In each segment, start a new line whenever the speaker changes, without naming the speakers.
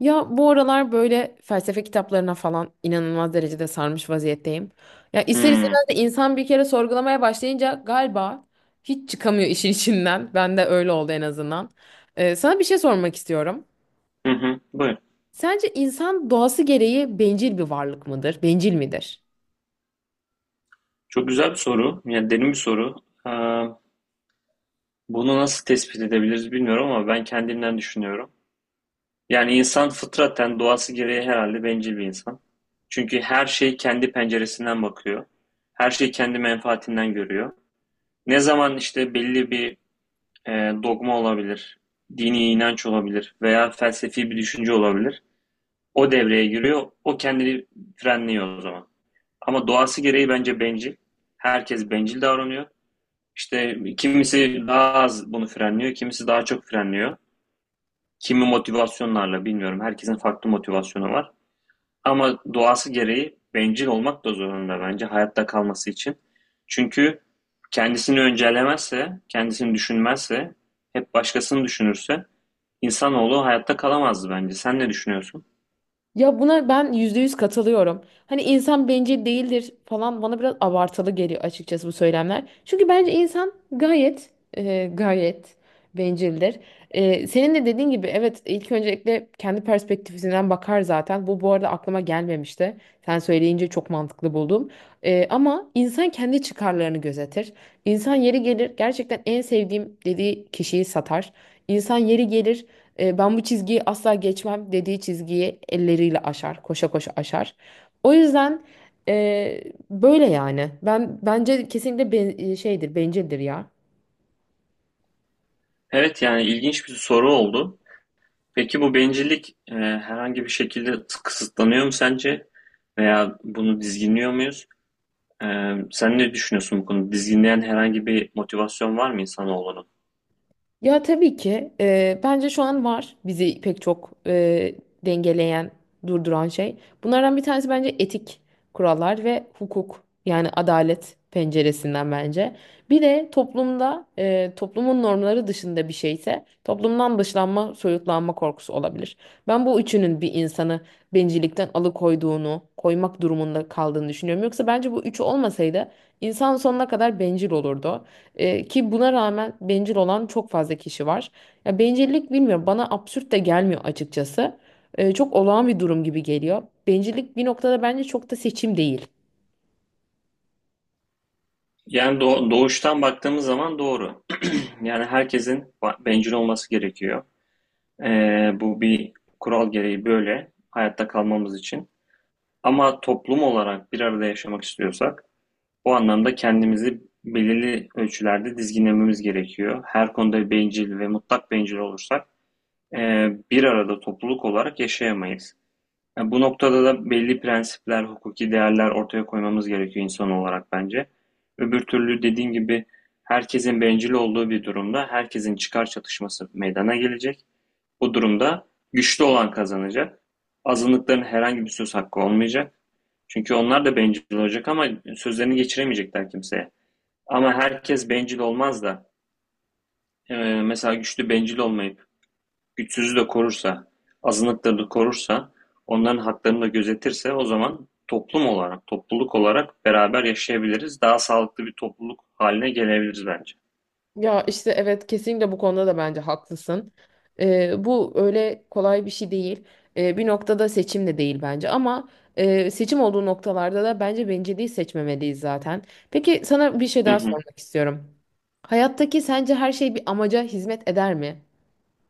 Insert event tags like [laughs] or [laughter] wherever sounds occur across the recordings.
Ya bu aralar böyle felsefe kitaplarına falan inanılmaz derecede sarmış vaziyetteyim. Ya ister
Hmm.
istemez de insan bir kere sorgulamaya başlayınca galiba hiç çıkamıyor [laughs] işin içinden. Ben de öyle oldu en azından. Sana bir şey sormak istiyorum.
Hı hı. Buyur.
Sence insan doğası gereği bencil bir varlık mıdır? Bencil midir?
Çok güzel bir soru. Yani derin bir soru. Ee, bunu nasıl tespit edebiliriz bilmiyorum ama ben kendimden düşünüyorum. Yani insan fıtraten doğası gereği herhalde bencil bir insan. Çünkü her şey kendi penceresinden bakıyor. Her şey kendi menfaatinden görüyor. Ne zaman işte belli bir e, dogma olabilir, dini inanç olabilir veya felsefi bir düşünce olabilir. O devreye giriyor. O kendini frenliyor o zaman. Ama doğası gereği bence bencil. Herkes bencil davranıyor. İşte kimisi daha az bunu frenliyor, kimisi daha çok frenliyor. Kimi motivasyonlarla bilmiyorum. Herkesin farklı motivasyonu var. Ama doğası gereği bencil olmak da zorunda bence hayatta kalması için. Çünkü kendisini öncelemezse, kendisini düşünmezse, hep başkasını düşünürse insanoğlu hayatta kalamazdı bence. Sen ne düşünüyorsun?
Ya buna ben %100 katılıyorum. Hani insan bencil değildir falan bana biraz abartılı geliyor açıkçası bu söylemler. Çünkü bence insan gayet bencildir. Senin de dediğin gibi, evet, ilk öncelikle kendi perspektifinden bakar zaten. Bu arada aklıma gelmemişti. Sen söyleyince çok mantıklı buldum. Ama insan kendi çıkarlarını gözetir. İnsan yeri gelir gerçekten en sevdiğim dediği kişiyi satar. İnsan yeri gelir ben bu çizgiyi asla geçmem dediği çizgiyi elleriyle aşar, koşa koşa aşar. O yüzden e, böyle yani. Ben bence kesinlikle şeydir, bencildir ya.
Evet yani ilginç bir soru oldu. Peki bu bencillik herhangi bir şekilde kısıtlanıyor mu sence? Veya bunu dizginliyor muyuz? Sen ne düşünüyorsun bu konuda? Dizginleyen herhangi bir motivasyon var mı insanoğlunun?
Ya tabii ki bence şu an var bizi pek çok dengeleyen, durduran şey. Bunlardan bir tanesi bence etik kurallar ve hukuk yani adalet penceresinden bence. Bir de toplumda toplumun normları dışında bir şeyse toplumdan dışlanma, soyutlanma korkusu olabilir. Ben bu üçünün bir insanı bencillikten alıkoyduğunu, koymak durumunda kaldığını düşünüyorum. Yoksa bence bu üçü olmasaydı insan sonuna kadar bencil olurdu. Ki buna rağmen bencil olan çok fazla kişi var. Ya bencillik bilmiyorum bana absürt de gelmiyor açıkçası. Çok olağan bir durum gibi geliyor. Bencillik bir noktada bence çok da seçim değil.
Yani doğuştan baktığımız zaman doğru. [clears throat] Yani herkesin bencil olması gerekiyor. Bu bir kural gereği böyle hayatta kalmamız için. Ama toplum olarak bir arada yaşamak istiyorsak bu anlamda kendimizi belirli ölçülerde dizginlememiz gerekiyor. Her konuda bencil ve mutlak bencil olursak e, bir arada topluluk olarak yaşayamayız. Ya bu noktada da belli prensipler, hukuki değerler ortaya koymamız gerekiyor insan olarak bence. Öbür türlü dediğim gibi herkesin bencil olduğu bir durumda herkesin çıkar çatışması meydana gelecek. Bu durumda güçlü olan kazanacak. Azınlıkların herhangi bir söz hakkı olmayacak. Çünkü onlar da bencil olacak ama sözlerini geçiremeyecekler kimseye. Ama herkes bencil olmaz da e, mesela güçlü bencil olmayıp güçsüzü de korursa, azınlıkları da korursa, onların haklarını da gözetirse o zaman toplum olarak, topluluk olarak beraber yaşayabiliriz. Daha sağlıklı bir topluluk haline gelebiliriz bence.
Ya işte evet, kesinlikle bu konuda da bence haklısın. Bu öyle kolay bir şey değil. Bir noktada seçim de değil bence ama seçim olduğu noktalarda da bence bencilliği seçmemeliyiz zaten. Peki, sana bir şey
Hı
daha
hı.
sormak istiyorum. Hayattaki sence her şey bir amaca hizmet eder mi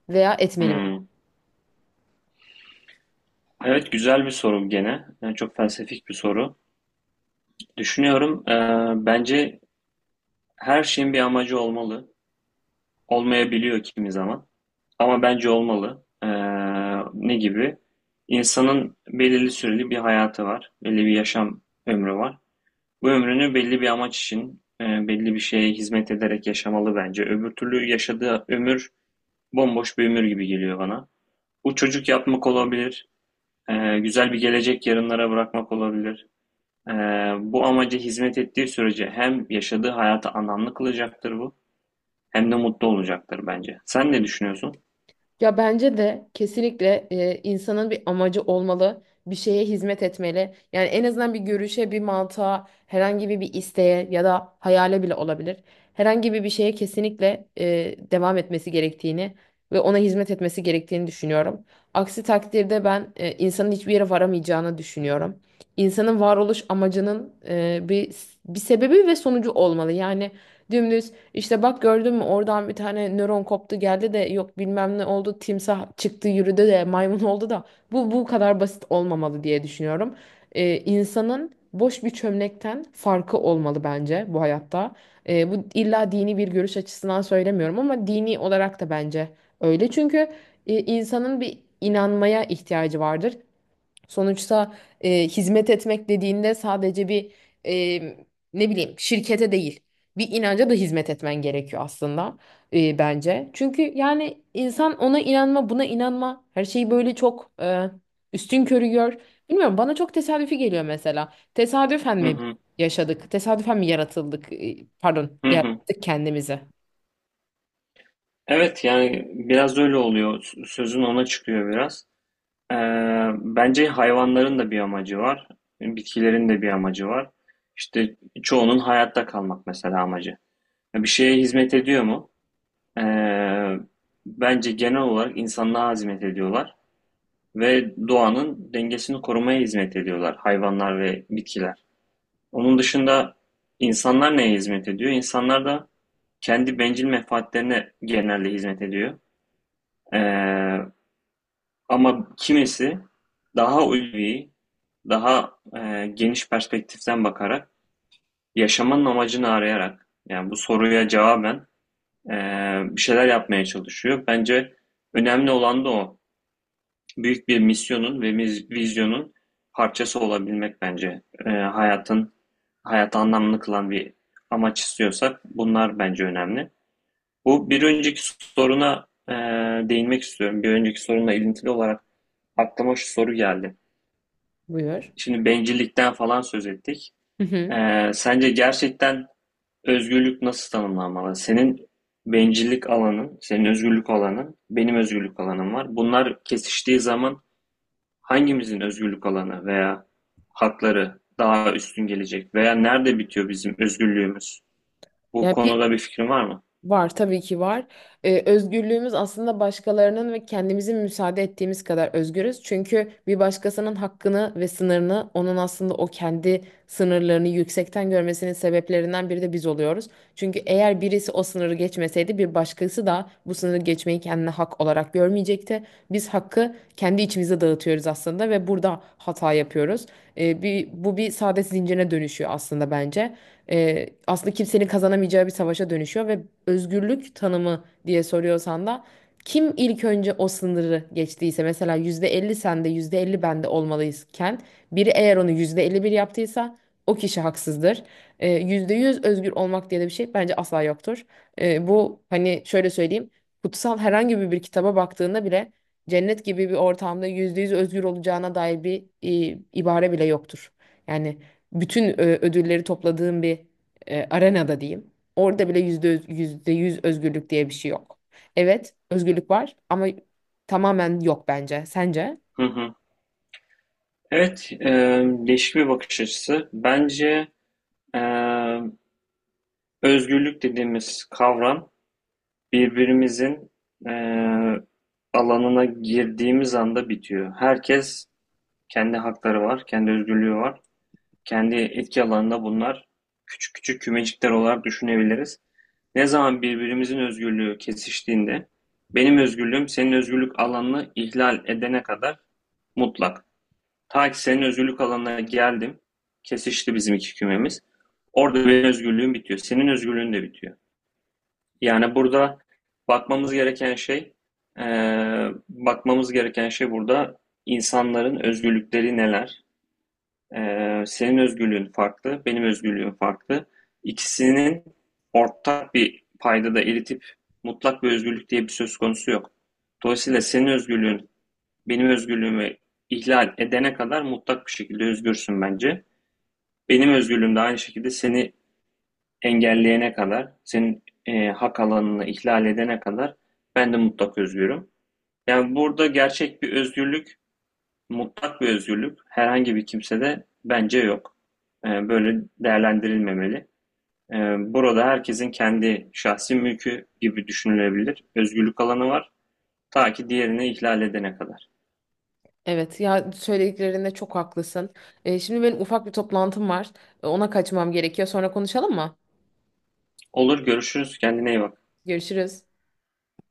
veya etmeli mi?
Hmm. Evet güzel bir soru gene. Yani çok felsefik bir soru. Düşünüyorum, bence her şeyin bir amacı olmalı. Olmayabiliyor kimi zaman. Ama bence olmalı. Ne gibi? İnsanın belirli süreli bir hayatı var. Belli bir yaşam ömrü var. Bu ömrünü belli bir amaç için, belli bir şeye hizmet ederek yaşamalı bence. Öbür türlü yaşadığı ömür bomboş bir ömür gibi geliyor bana. Bu çocuk yapmak olabilir, güzel bir gelecek yarınlara bırakmak olabilir. E, bu amaca hizmet ettiği sürece hem yaşadığı hayata anlamlı kılacaktır bu, hem de mutlu olacaktır bence. Sen ne düşünüyorsun?
Ya bence de kesinlikle insanın bir amacı olmalı, bir şeye hizmet etmeli. Yani en azından bir görüşe, bir mantığa, herhangi bir isteğe ya da hayale bile olabilir. Herhangi bir şeye kesinlikle devam etmesi gerektiğini ve ona hizmet etmesi gerektiğini düşünüyorum. Aksi takdirde ben insanın hiçbir yere varamayacağını düşünüyorum. İnsanın varoluş amacının bir sebebi ve sonucu olmalı. Yani dümdüz. İşte bak, gördün mü, oradan bir tane nöron koptu geldi de yok bilmem ne oldu timsah çıktı yürüdü de maymun oldu da bu kadar basit olmamalı diye düşünüyorum. İnsanın boş bir çömlekten farkı olmalı bence bu hayatta. Bu illa dini bir görüş açısından söylemiyorum ama dini olarak da bence öyle. Çünkü insanın bir inanmaya ihtiyacı vardır. Sonuçta hizmet etmek dediğinde sadece bir e, ne bileyim şirkete değil, bir inanca da hizmet etmen gerekiyor aslında, e, bence. Çünkü yani insan ona inanma buna inanma her şeyi böyle çok üstün körü gör. Bilmiyorum, bana çok tesadüfi geliyor mesela. Tesadüfen
Hı
mi
hı,
yaşadık? Tesadüfen mi yaratıldık? Pardon,
hı hı.
yarattık kendimizi.
Evet yani biraz öyle oluyor. Sözün ona çıkıyor biraz. Ee, bence hayvanların da bir amacı var. Bitkilerin de bir amacı var. İşte çoğunun hayatta kalmak mesela amacı. Bir şeye hizmet ediyor mu? Ee, bence genel olarak insanlığa hizmet ediyorlar ve doğanın dengesini korumaya hizmet ediyorlar hayvanlar ve bitkiler. Onun dışında insanlar neye hizmet ediyor? İnsanlar da kendi bencil menfaatlerine genelde hizmet ediyor. Ee, Ama kimisi daha ulvi, daha geniş perspektiften bakarak, yaşamanın amacını arayarak, yani bu soruya cevaben e, bir şeyler yapmaya çalışıyor. Bence önemli olan da o. Büyük bir misyonun ve vizyonun parçası olabilmek bence. Hayatın, hayatı anlamlı kılan bir amaç istiyorsak bunlar bence önemli. Bu bir önceki soruna değinmek istiyorum. Bir önceki sorunla ilintili olarak aklıma şu soru geldi.
Buyur.
Şimdi bencillikten falan söz ettik.
Hı hı.
Sence gerçekten özgürlük nasıl tanımlanmalı? Senin bencillik alanın, senin özgürlük alanın, benim özgürlük alanım var. Bunlar kesiştiği zaman hangimizin özgürlük alanı veya hakları daha üstün gelecek veya nerede bitiyor bizim özgürlüğümüz? Bu
Yani bir
konuda bir fikrin var mı?
Var, tabii ki var. Özgürlüğümüz aslında başkalarının ve kendimizin müsaade ettiğimiz kadar özgürüz. Çünkü bir başkasının hakkını ve sınırını onun aslında o kendi sınırlarını yüksekten görmesinin sebeplerinden biri de biz oluyoruz. Çünkü eğer birisi o sınırı geçmeseydi bir başkası da bu sınırı geçmeyi kendine hak olarak görmeyecekti. Biz hakkı kendi içimize dağıtıyoruz aslında ve burada hata yapıyoruz. Bu bir saadet zincirine dönüşüyor aslında, bence, aslında kimsenin kazanamayacağı bir savaşa dönüşüyor ve özgürlük tanımı diye soruyorsan da kim ilk önce o sınırı geçtiyse, mesela %50 sende %50 bende olmalıyken biri eğer onu %51 yaptıysa o kişi haksızdır. %100 özgür olmak diye de bir şey bence asla yoktur. Bu, hani şöyle söyleyeyim, kutsal herhangi bir kitaba baktığında bile cennet gibi bir ortamda %100 özgür olacağına dair bir ibare bile yoktur. Yani bütün ödülleri topladığım bir arenada diyeyim. Orada bile yüzde yüz özgürlük diye bir şey yok. Evet, özgürlük var ama tamamen yok bence. Sence?
Hı hı. Evet, değişik bir bakış açısı. Bence e, özgürlük dediğimiz kavram birbirimizin eee, alanına girdiğimiz anda bitiyor. Herkes kendi hakları var, kendi özgürlüğü var. Kendi etki alanında bunlar küçük küçük kümecikler olarak düşünebiliriz. Ne zaman birbirimizin özgürlüğü kesiştiğinde benim özgürlüğüm senin özgürlük alanını ihlal edene kadar mutlak. Ta ki senin özgürlük alanına geldim, kesişti bizim iki kümemiz. Orada benim özgürlüğüm bitiyor, senin özgürlüğün de bitiyor. Yani burada bakmamız gereken şey, bakmamız gereken şey burada insanların özgürlükleri neler? Senin özgürlüğün farklı, benim özgürlüğüm farklı. İkisinin ortak bir paydada eritip mutlak bir özgürlük diye bir söz konusu yok. Dolayısıyla senin özgürlüğün benim özgürlüğümü ihlal edene kadar mutlak bir şekilde özgürsün bence. Benim özgürlüğüm de aynı şekilde seni engelleyene kadar, senin hak alanını ihlal edene kadar ben de mutlak özgürüm. Yani burada gerçek bir özgürlük, mutlak bir özgürlük herhangi bir kimsede bence yok. Böyle değerlendirilmemeli. E, burada herkesin kendi şahsi mülkü gibi düşünülebilir. Özgürlük alanı var. Ta ki diğerini ihlal edene kadar.
Evet ya, söylediklerinde çok haklısın. Şimdi benim ufak bir toplantım var. Ona kaçmam gerekiyor. Sonra konuşalım mı?
Olur görüşürüz. Kendine iyi bak.
Görüşürüz.